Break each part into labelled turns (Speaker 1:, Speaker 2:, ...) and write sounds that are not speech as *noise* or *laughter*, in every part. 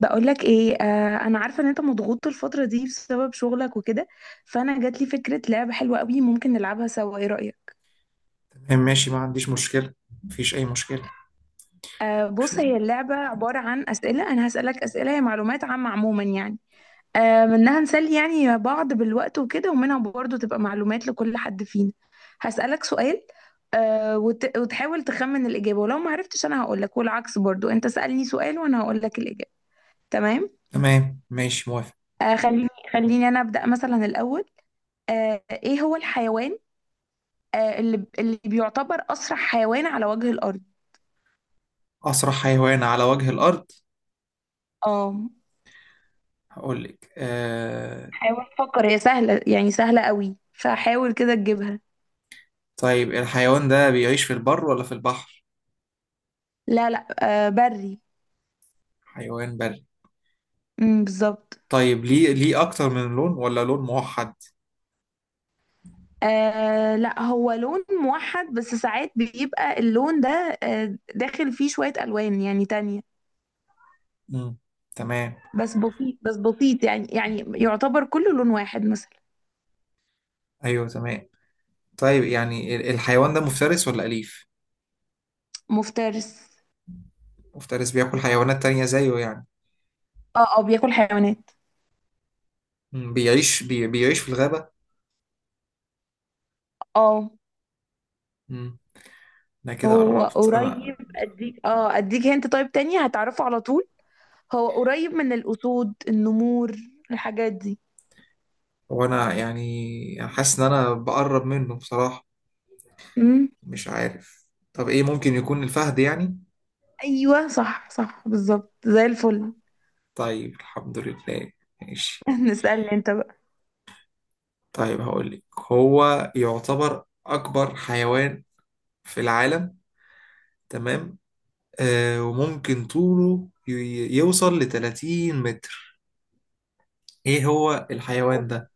Speaker 1: بقولك ايه، انا عارفه ان انت مضغوط الفتره دي بسبب شغلك وكده. فانا جات لي فكره لعبه حلوه قوي، ممكن نلعبها سوا. ايه رايك؟
Speaker 2: تمام، ماشي، ما عنديش مشكلة. مفيش أي مشكلة.
Speaker 1: آه،
Speaker 2: شو.
Speaker 1: بص، هي اللعبه عباره عن اسئله. انا هسالك اسئله، هي معلومات عامه عموما يعني. آه، منها نسلي يعني بعض بالوقت وكده، ومنها برضه تبقى معلومات لكل حد فينا. هسالك سؤال. وتحاول تخمن الاجابه، ولو ما عرفتش انا هقولك، والعكس برضه، انت سالني سؤال وانا هقولك الاجابه. تمام.
Speaker 2: تمام، ماشي، موافق.
Speaker 1: آه، خليني، خليني انا ابدا مثلا الاول. آه، ايه هو الحيوان، اللي بيعتبر أسرع حيوان على وجه الأرض؟
Speaker 2: أسرع حيوان على وجه الأرض؟
Speaker 1: اه.
Speaker 2: هقول لك
Speaker 1: حاول فكر، هي سهلة يعني، سهلة قوي، فحاول كده تجيبها.
Speaker 2: طيب الحيوان ده بيعيش في البر ولا في البحر؟
Speaker 1: لا، لا. آه، بري.
Speaker 2: حيوان بري.
Speaker 1: امم، بالظبط.
Speaker 2: طيب ليه أكتر من لون ولا لون موحد؟
Speaker 1: آه، لا، هو لون موحد، بس ساعات بيبقى اللون ده داخل فيه شوية ألوان يعني تانية.
Speaker 2: مم. تمام.
Speaker 1: بس بسيط، بس بسيط، يعني يعتبر كله لون واحد مثلا.
Speaker 2: أيوه، تمام. طيب يعني الحيوان ده مفترس ولا أليف؟
Speaker 1: مفترس.
Speaker 2: مفترس، بياكل حيوانات تانية زيه يعني.
Speaker 1: اه، اه، بياكل حيوانات.
Speaker 2: مم. بيعيش في الغابة؟
Speaker 1: اه.
Speaker 2: مم. أنا كده
Speaker 1: هو
Speaker 2: قربت
Speaker 1: قريب،
Speaker 2: أنا.
Speaker 1: اديك هنت، طيب، تاني هتعرفه على طول. هو قريب من الأسود، النمور، الحاجات دي.
Speaker 2: وأنا يعني حاسس إن أنا بقرب منه بصراحة.
Speaker 1: امم.
Speaker 2: مش عارف. طب ايه، ممكن يكون الفهد يعني؟
Speaker 1: أيوة، صح، صح، بالظبط، زي الفل.
Speaker 2: طيب، الحمد لله. ماشي.
Speaker 1: *laughs* نسألني أنت بقى.
Speaker 2: طيب هقول لك، هو يعتبر اكبر حيوان في العالم. تمام. وممكن طوله يوصل ل 30 متر. ايه هو الحيوان ده؟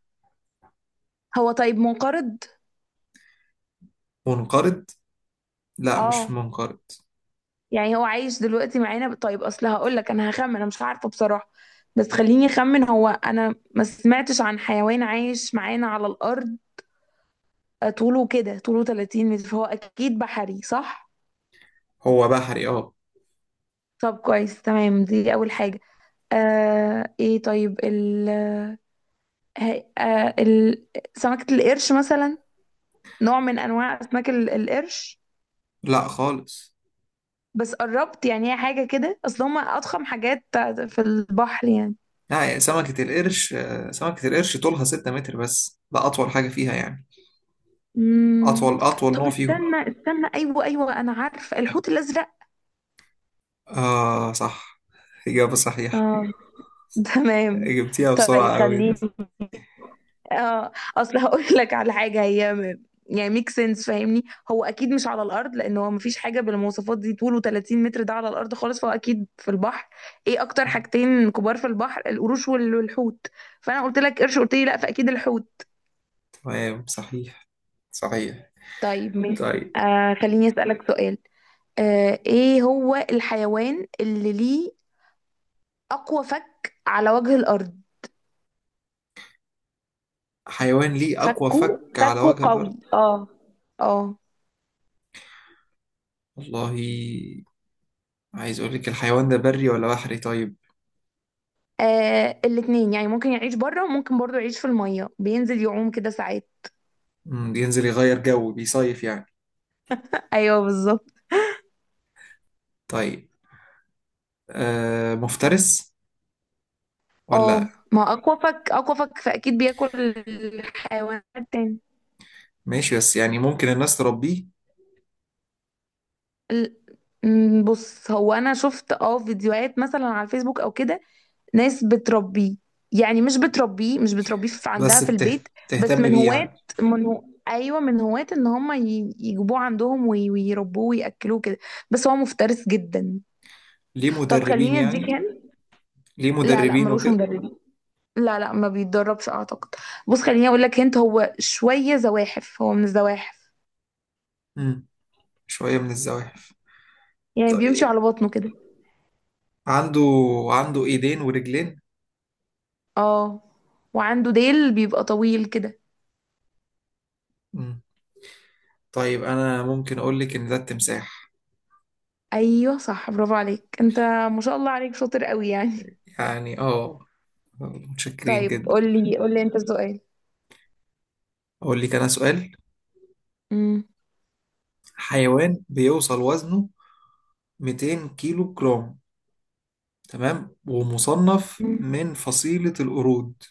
Speaker 1: هو طيب منقرض؟
Speaker 2: منقرض؟ لا، مش
Speaker 1: اه.
Speaker 2: منقرض.
Speaker 1: يعني هو عايش دلوقتي معانا، طيب أصل هقول لك، أنا هخمن، أنا مش عارفة بصراحة. بس خليني أخمن، هو أنا ما سمعتش عن حيوان عايش معانا على الأرض طوله 30 متر، فهو أكيد بحري، صح؟
Speaker 2: هو بحري، اه.
Speaker 1: طب كويس، تمام، دي أول حاجة. آه إيه طيب ال هي- آه، ال- سمكة القرش مثلا، نوع من أنواع أسماك القرش.
Speaker 2: لا خالص.
Speaker 1: بس قربت يعني، هي حاجة كده، أصل هما أضخم حاجات في البحر يعني.
Speaker 2: لا يعني، سمكة القرش سمكة القرش طولها 6 متر، بس ده أطول حاجة فيها يعني.
Speaker 1: مم.
Speaker 2: أطول أطول
Speaker 1: طب،
Speaker 2: نوع فيهم.
Speaker 1: استنى، استنى، أيوه، أيوه، أنا عارفة، الحوت الأزرق.
Speaker 2: آه صح، إجابة صحيحة.
Speaker 1: اه. *laughs* تمام.
Speaker 2: جبتيها
Speaker 1: طيب
Speaker 2: بسرعة أوي
Speaker 1: خليني،
Speaker 2: أنت.
Speaker 1: اه اصل هقول *laughs* لك على حاجه يعني ميك سنس، فاهمني؟ هو اكيد مش على الارض، لان هو مفيش حاجه بالمواصفات دي طوله 30 متر ده على الارض خالص، فهو اكيد في البحر. ايه اكتر حاجتين كبار في البحر؟ القروش والحوت. فانا قلت لك قرش، قلت لي لا، فاكيد الحوت.
Speaker 2: تمام، صحيح. صحيح.
Speaker 1: طيب، ماشي،
Speaker 2: طيب،
Speaker 1: خليني اسالك سؤال. آه، ايه هو الحيوان اللي ليه اقوى فك على وجه الارض؟
Speaker 2: حيوان ليه أقوى
Speaker 1: فكه،
Speaker 2: فك على
Speaker 1: فكه
Speaker 2: وجه
Speaker 1: قوي،
Speaker 2: الأرض؟
Speaker 1: اه. اه.
Speaker 2: والله، عايز أقول لك، الحيوان ده بري ولا بحري طيب؟
Speaker 1: آه، الاتنين يعني، ممكن يعيش بره وممكن برضو يعيش في المية، بينزل يعوم كده ساعات.
Speaker 2: مم، بينزل يغير جو، بيصيف يعني.
Speaker 1: ايوه، بالظبط.
Speaker 2: طيب، مفترس
Speaker 1: اه،
Speaker 2: ولا؟
Speaker 1: ما اكوافك اكوافك، فاكيد بياكل الحيوانات تاني.
Speaker 2: ماشي، بس يعني ممكن الناس تربيه.
Speaker 1: ال- م، بص، هو انا شفت فيديوهات مثلا على الفيسبوك او كده، ناس بتربيه. يعني مش بتربيه في عندها
Speaker 2: بس
Speaker 1: في البيت، بس
Speaker 2: بتهتم
Speaker 1: من
Speaker 2: بيه
Speaker 1: هواة.
Speaker 2: يعني.
Speaker 1: من هو ايوه، من هواة ان هم يجيبوه عندهم ويربوه وياكلوه كده. بس هو مفترس جدا.
Speaker 2: ليه
Speaker 1: طب
Speaker 2: مدربين
Speaker 1: خليني اديك
Speaker 2: يعني؟
Speaker 1: هنا.
Speaker 2: ليه
Speaker 1: لا، لا،
Speaker 2: مدربين
Speaker 1: ملوش
Speaker 2: وكده؟
Speaker 1: مدرب. لا، لا، ما بيتدربش اعتقد. بص، خليني اقول لك انت، هو شويه زواحف، هو من الزواحف.
Speaker 2: مم، شوية من الزواحف.
Speaker 1: يعني بيمشي على
Speaker 2: طيب.
Speaker 1: بطنه كده.
Speaker 2: عنده. عنده ايدين ورجلين.
Speaker 1: اه. وعنده ديل بيبقى طويل كده.
Speaker 2: مم. طيب انا ممكن اقول لك ان ده التمساح.
Speaker 1: ايوه، صح، برافو عليك انت. ما شاء الله عليك، شاطر قوي يعني. *laughs*
Speaker 2: يعني اه، متشكرين
Speaker 1: طيب،
Speaker 2: جدا.
Speaker 1: قول لي، قول لي انت السؤال.
Speaker 2: اقول لك انا سؤال.
Speaker 1: امم.
Speaker 2: حيوان بيوصل وزنه 200 كيلو جرام، تمام، ومصنف
Speaker 1: أمم.
Speaker 2: من فصيلة القرود.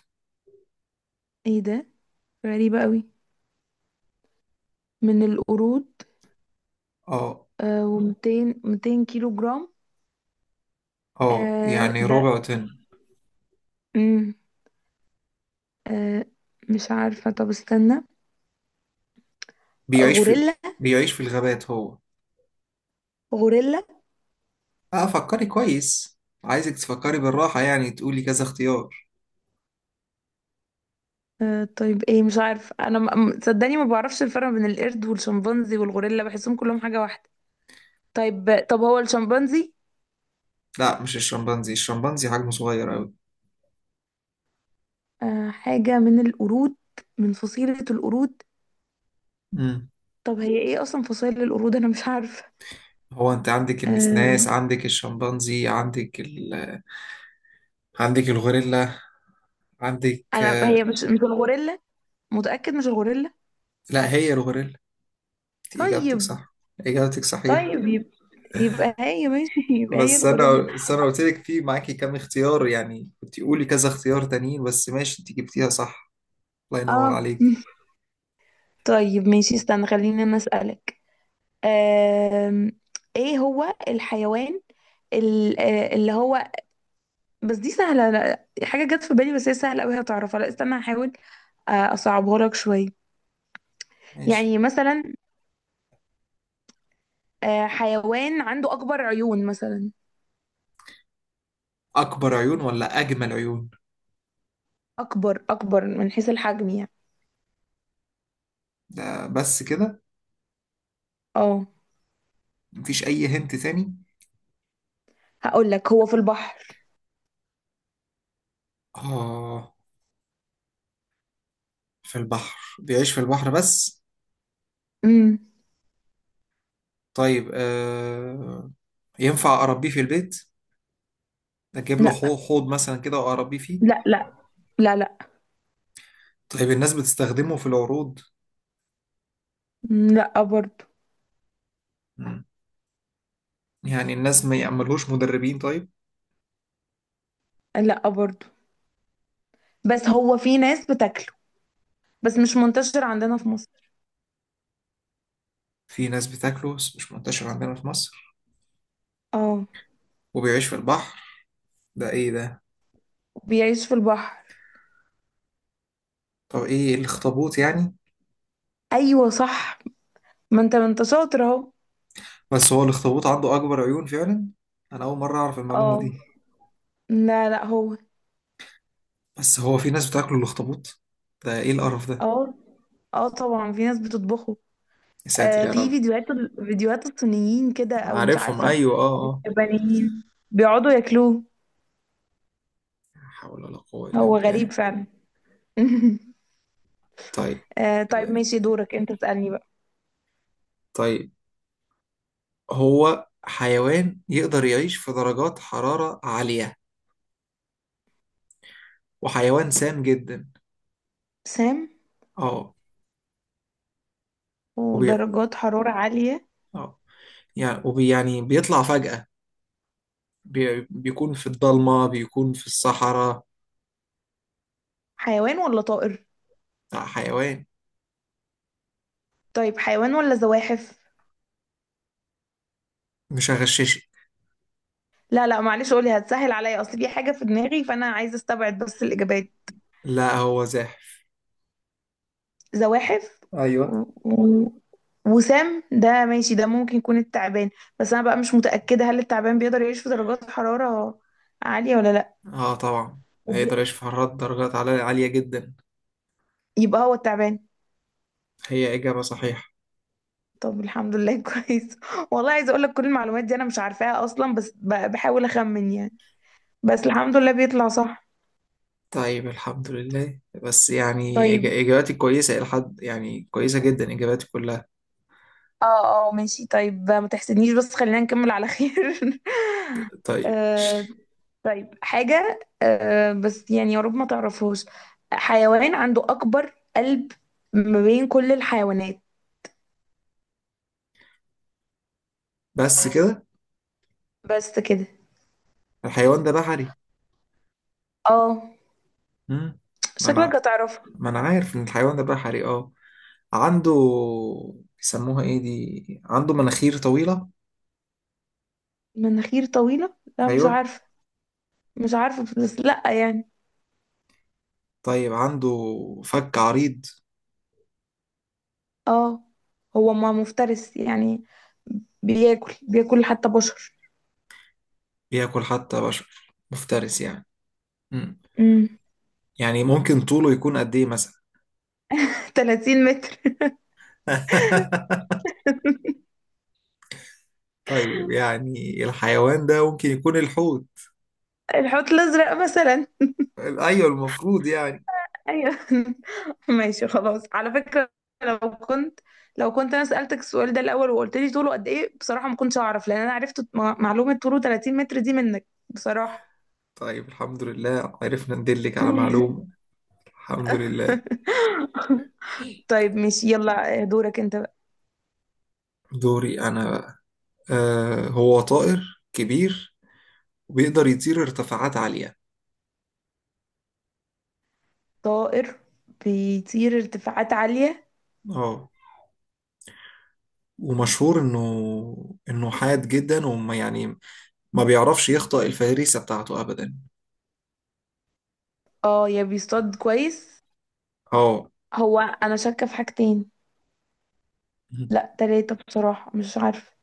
Speaker 1: ايه ده؟ غريبه قوي. من القرود.
Speaker 2: اه،
Speaker 1: آه و200 200 كيلو جرام.
Speaker 2: اه
Speaker 1: آه
Speaker 2: يعني رابع
Speaker 1: ده
Speaker 2: وتن.
Speaker 1: امم آه مش عارفه، طب استنى.
Speaker 2: بيعيش في
Speaker 1: غوريلا.
Speaker 2: بيعيش في الغابات هو.
Speaker 1: غوريلا.
Speaker 2: اه، فكري كويس. عايزك تفكري بالراحة، يعني تقولي كذا اختيار.
Speaker 1: آه، طيب، ايه، مش عارف انا صدقني، ما بعرفش الفرق بين القرد والشمبانزي والغوريلا، بحسهم كلهم حاجة واحدة. طيب، طب، هو الشمبانزي؟
Speaker 2: لا مش الشمبانزي، الشمبانزي حجمه صغير قوي.
Speaker 1: آه، حاجة من القرود، من فصيلة القرود.
Speaker 2: مم.
Speaker 1: طب هي ايه اصلا فصيلة القرود، انا مش عارفة.
Speaker 2: هو انت عندك النسناس،
Speaker 1: آه،
Speaker 2: عندك الشمبانزي، عندك. عندك الغوريلا. عندك
Speaker 1: انا،
Speaker 2: آه،
Speaker 1: هي مش الغوريلا، متأكد مش الغوريلا.
Speaker 2: لا هي الغوريلا. انت اجابتك
Speaker 1: طيب.
Speaker 2: صح، اجابتك صحيحة.
Speaker 1: طيب يبقى، يبقى هي، ماشي، *laughs* يبقى هي
Speaker 2: بس انا
Speaker 1: الغوريلا.
Speaker 2: بس انا قلت لك في معاكي كام اختيار، يعني كنت قولي كذا اختيار تانيين، بس ماشي انت جبتيها صح. الله ينور
Speaker 1: اه.
Speaker 2: عليك.
Speaker 1: *laughs* طيب، ماشي، استنى، خليني انا اسألك. آم، ايه هو الحيوان اللي هو، بس دي سهلة، لا حاجة جت في بالي، بس هي سهلة أوي هتعرفها، لا استنى هحاول. آه، أصعبها لك شوية.
Speaker 2: ماشي.
Speaker 1: يعني مثلا، آه، حيوان عنده أكبر عيون مثلا.
Speaker 2: اكبر عيون ولا اجمل عيون؟
Speaker 1: أكبر، أكبر من حيث الحجم يعني.
Speaker 2: ده بس كده؟
Speaker 1: اه.
Speaker 2: مفيش اي هنت تاني؟
Speaker 1: هقول لك هو في البحر.
Speaker 2: اه. في البحر بيعيش في البحر بس.
Speaker 1: امم.
Speaker 2: طيب ينفع اربيه في البيت؟ اجيب له
Speaker 1: لا.
Speaker 2: حوض مثلا كده واربيه فيه.
Speaker 1: لا، لا. لا، لا.
Speaker 2: طيب الناس بتستخدمه في العروض؟
Speaker 1: مم، لا برضو.
Speaker 2: مم. يعني الناس ما يعملوش مدربين طيب؟
Speaker 1: لا برضو. بس هو في ناس بتاكله، بس مش منتشر عندنا في مصر.
Speaker 2: في ناس بتاكله بس مش منتشر عندنا في مصر.
Speaker 1: اه.
Speaker 2: وبيعيش في البحر. ده ايه ده؟
Speaker 1: بيعيش في البحر.
Speaker 2: طب ايه، الاخطبوط يعني؟
Speaker 1: أيوة، صح. ما انت شاطر اهو.
Speaker 2: بس هو الاخطبوط عنده اكبر عيون فعلا. انا اول مرة اعرف المعلومة
Speaker 1: اه.
Speaker 2: دي.
Speaker 1: لا، لا، هو.
Speaker 2: بس هو في ناس بتاكله الاخطبوط؟ ده ايه القرف ده؟
Speaker 1: اه، اه، طبعا في ناس بتطبخه.
Speaker 2: يا ساتر يا
Speaker 1: في
Speaker 2: رب.
Speaker 1: فيديوهات الصينيين كده او مش
Speaker 2: عارفهم،
Speaker 1: عارفه،
Speaker 2: ايوه اه. اه.
Speaker 1: يابانيين، بيقعدوا ياكلوه.
Speaker 2: لا حول ولا قوة الا
Speaker 1: هو غريب
Speaker 2: بالله.
Speaker 1: فعلا. *laughs*
Speaker 2: طيب.
Speaker 1: آه، طيب،
Speaker 2: آه،
Speaker 1: ماشي، دورك انت تسألني بقى.
Speaker 2: طيب هو حيوان يقدر يعيش في درجات حرارة عالية وحيوان سام جدا.
Speaker 1: سام.
Speaker 2: اه. وبي...
Speaker 1: ودرجات حرارة عالية.
Speaker 2: اه يعني يعني بيطلع فجأة. بيكون في الضلمة، بيكون في الصحراء.
Speaker 1: حيوان ولا طائر؟
Speaker 2: لا حيوان.
Speaker 1: طيب، حيوان ولا زواحف؟
Speaker 2: مش هغششك.
Speaker 1: لا، لا، معلش، قولي، هتسهل عليا، اصل في حاجة في دماغي فانا عايزة استبعد بس الإجابات.
Speaker 2: لا هو زاحف.
Speaker 1: زواحف.
Speaker 2: ايوه.
Speaker 1: و- و- وسام ده ماشي، ده ممكن يكون التعبان. بس انا بقى مش متأكدة، هل التعبان بيقدر يعيش في درجات حرارة عالية ولا لا.
Speaker 2: اه طبعا، هيقدر
Speaker 1: وبي-
Speaker 2: يشوف حرارة درجات عالية جدا.
Speaker 1: يبقى هو التعبان.
Speaker 2: هي إجابة صحيحة.
Speaker 1: طب الحمد لله، *laughs* كويس. والله عايزة اقول لك كل المعلومات دي انا مش عارفاها اصلا، بس بحاول اخمن يعني، بس الحمد لله بيطلع صح.
Speaker 2: طيب الحمد لله، بس يعني
Speaker 1: طيب،
Speaker 2: إجاباتي كويسة إلى حد، يعني كويسة جدا إجاباتي كلها.
Speaker 1: اه، اه، ماشي، طيب، ما تحسدنيش بس خلينا نكمل على خير. *laughs*
Speaker 2: طيب.
Speaker 1: آه، طيب، حاجة، بس يعني يا رب ما تعرفوش. حيوان عنده أكبر قلب ما بين كل الحيوانات.
Speaker 2: بس كده.
Speaker 1: بس كده.
Speaker 2: الحيوان ده بحري.
Speaker 1: اه.
Speaker 2: مم. ما
Speaker 1: شكلك
Speaker 2: أنا.
Speaker 1: هتعرفها.
Speaker 2: ما أنا عارف إن الحيوان ده بحري اه. عنده. بيسموها ايه دي، عنده مناخير طويلة.
Speaker 1: مناخير طويلة، لا مش
Speaker 2: ايوه.
Speaker 1: عارفة. مش عارفة بس لأ يعني.
Speaker 2: طيب عنده فك عريض.
Speaker 1: اه. هو ما مفترس يعني، بياكل، بياكل حتى بشر.
Speaker 2: بياكل حتى بشر، مفترس يعني. مم.
Speaker 1: امم.
Speaker 2: يعني ممكن طوله يكون قد ايه مثلا؟
Speaker 1: *laughs* 30 متر.
Speaker 2: *laughs* طيب يعني الحيوان ده ممكن يكون الحوت.
Speaker 1: الحوت الأزرق مثلا.
Speaker 2: ايوه المفروض يعني.
Speaker 1: ايوه. *laughs* ماشي خلاص. على فكرة، لو كنت لو كنت انا سألتك السؤال ده الاول وقلت لي طوله قد ايه، بصراحة ما كنتش اعرف، لان انا عرفت معلومة طوله 30 متر دي منك بصراحة.
Speaker 2: طيب الحمد لله عرفنا ندلك على معلومة.
Speaker 1: *laughs*
Speaker 2: الحمد لله.
Speaker 1: طيب، ماشي، يلا، دورك انت بقى.
Speaker 2: دوري انا بقى. هو طائر كبير وبيقدر يطير ارتفاعات عالية.
Speaker 1: طائر بيطير ارتفاعات عالية.
Speaker 2: اه. ومشهور انه حاد جدا، وما يعني ما بيعرفش يخطئ الفريسة بتاعته ابدا.
Speaker 1: اه. يا بيصطاد كويس.
Speaker 2: اه.
Speaker 1: هو انا شاكة في حاجتين، لا تلاتة بصراحة، مش عارفة.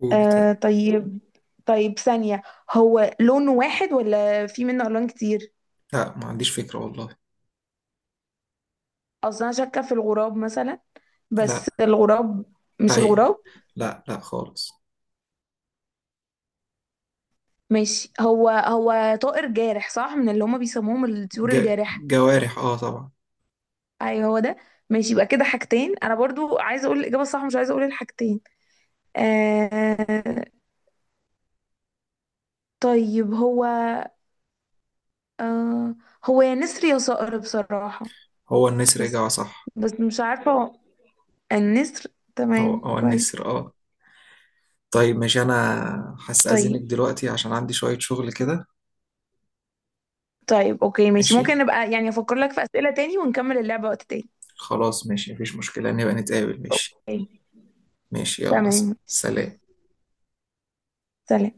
Speaker 2: قولي طيب.
Speaker 1: آه، طيب. طيب، ثانية، هو لون واحد ولا في منه ألوان كتير؟
Speaker 2: لا ما عنديش فكرة والله.
Speaker 1: اصل انا شاكه في الغراب مثلا، بس
Speaker 2: لا.
Speaker 1: الغراب، مش
Speaker 2: طيب.
Speaker 1: الغراب.
Speaker 2: لا لا خالص.
Speaker 1: ماشي، هو طائر جارح صح، من اللي هما بيسموهم الطيور الجارحه.
Speaker 2: جوارح اه طبعا.
Speaker 1: اي هو ده. ماشي، يبقى كده حاجتين، انا برضو عايزه اقول الاجابه الصح، مش عايزه اقول الحاجتين. آه، طيب، هو، آه، هو يا نسر يا صقر بصراحه.
Speaker 2: هو النسر،
Speaker 1: بس
Speaker 2: اجابة صح.
Speaker 1: بس مش عارفه، هو النسر.
Speaker 2: هو
Speaker 1: تمام،
Speaker 2: هو
Speaker 1: كويس.
Speaker 2: النسر اه. طيب ماشي انا
Speaker 1: طيب.
Speaker 2: هستأذنك دلوقتي عشان عندي شوية شغل كده.
Speaker 1: طيب، اوكي، ماشي،
Speaker 2: ماشي.
Speaker 1: ممكن نبقى يعني افكر لك في اسئله تاني ونكمل اللعبه وقت تاني.
Speaker 2: خلاص، ماشي، مفيش مشكلة، نبقى نتقابل. ماشي.
Speaker 1: اوكي.
Speaker 2: ماشي، يلا
Speaker 1: تمام.
Speaker 2: سلام.
Speaker 1: سلام.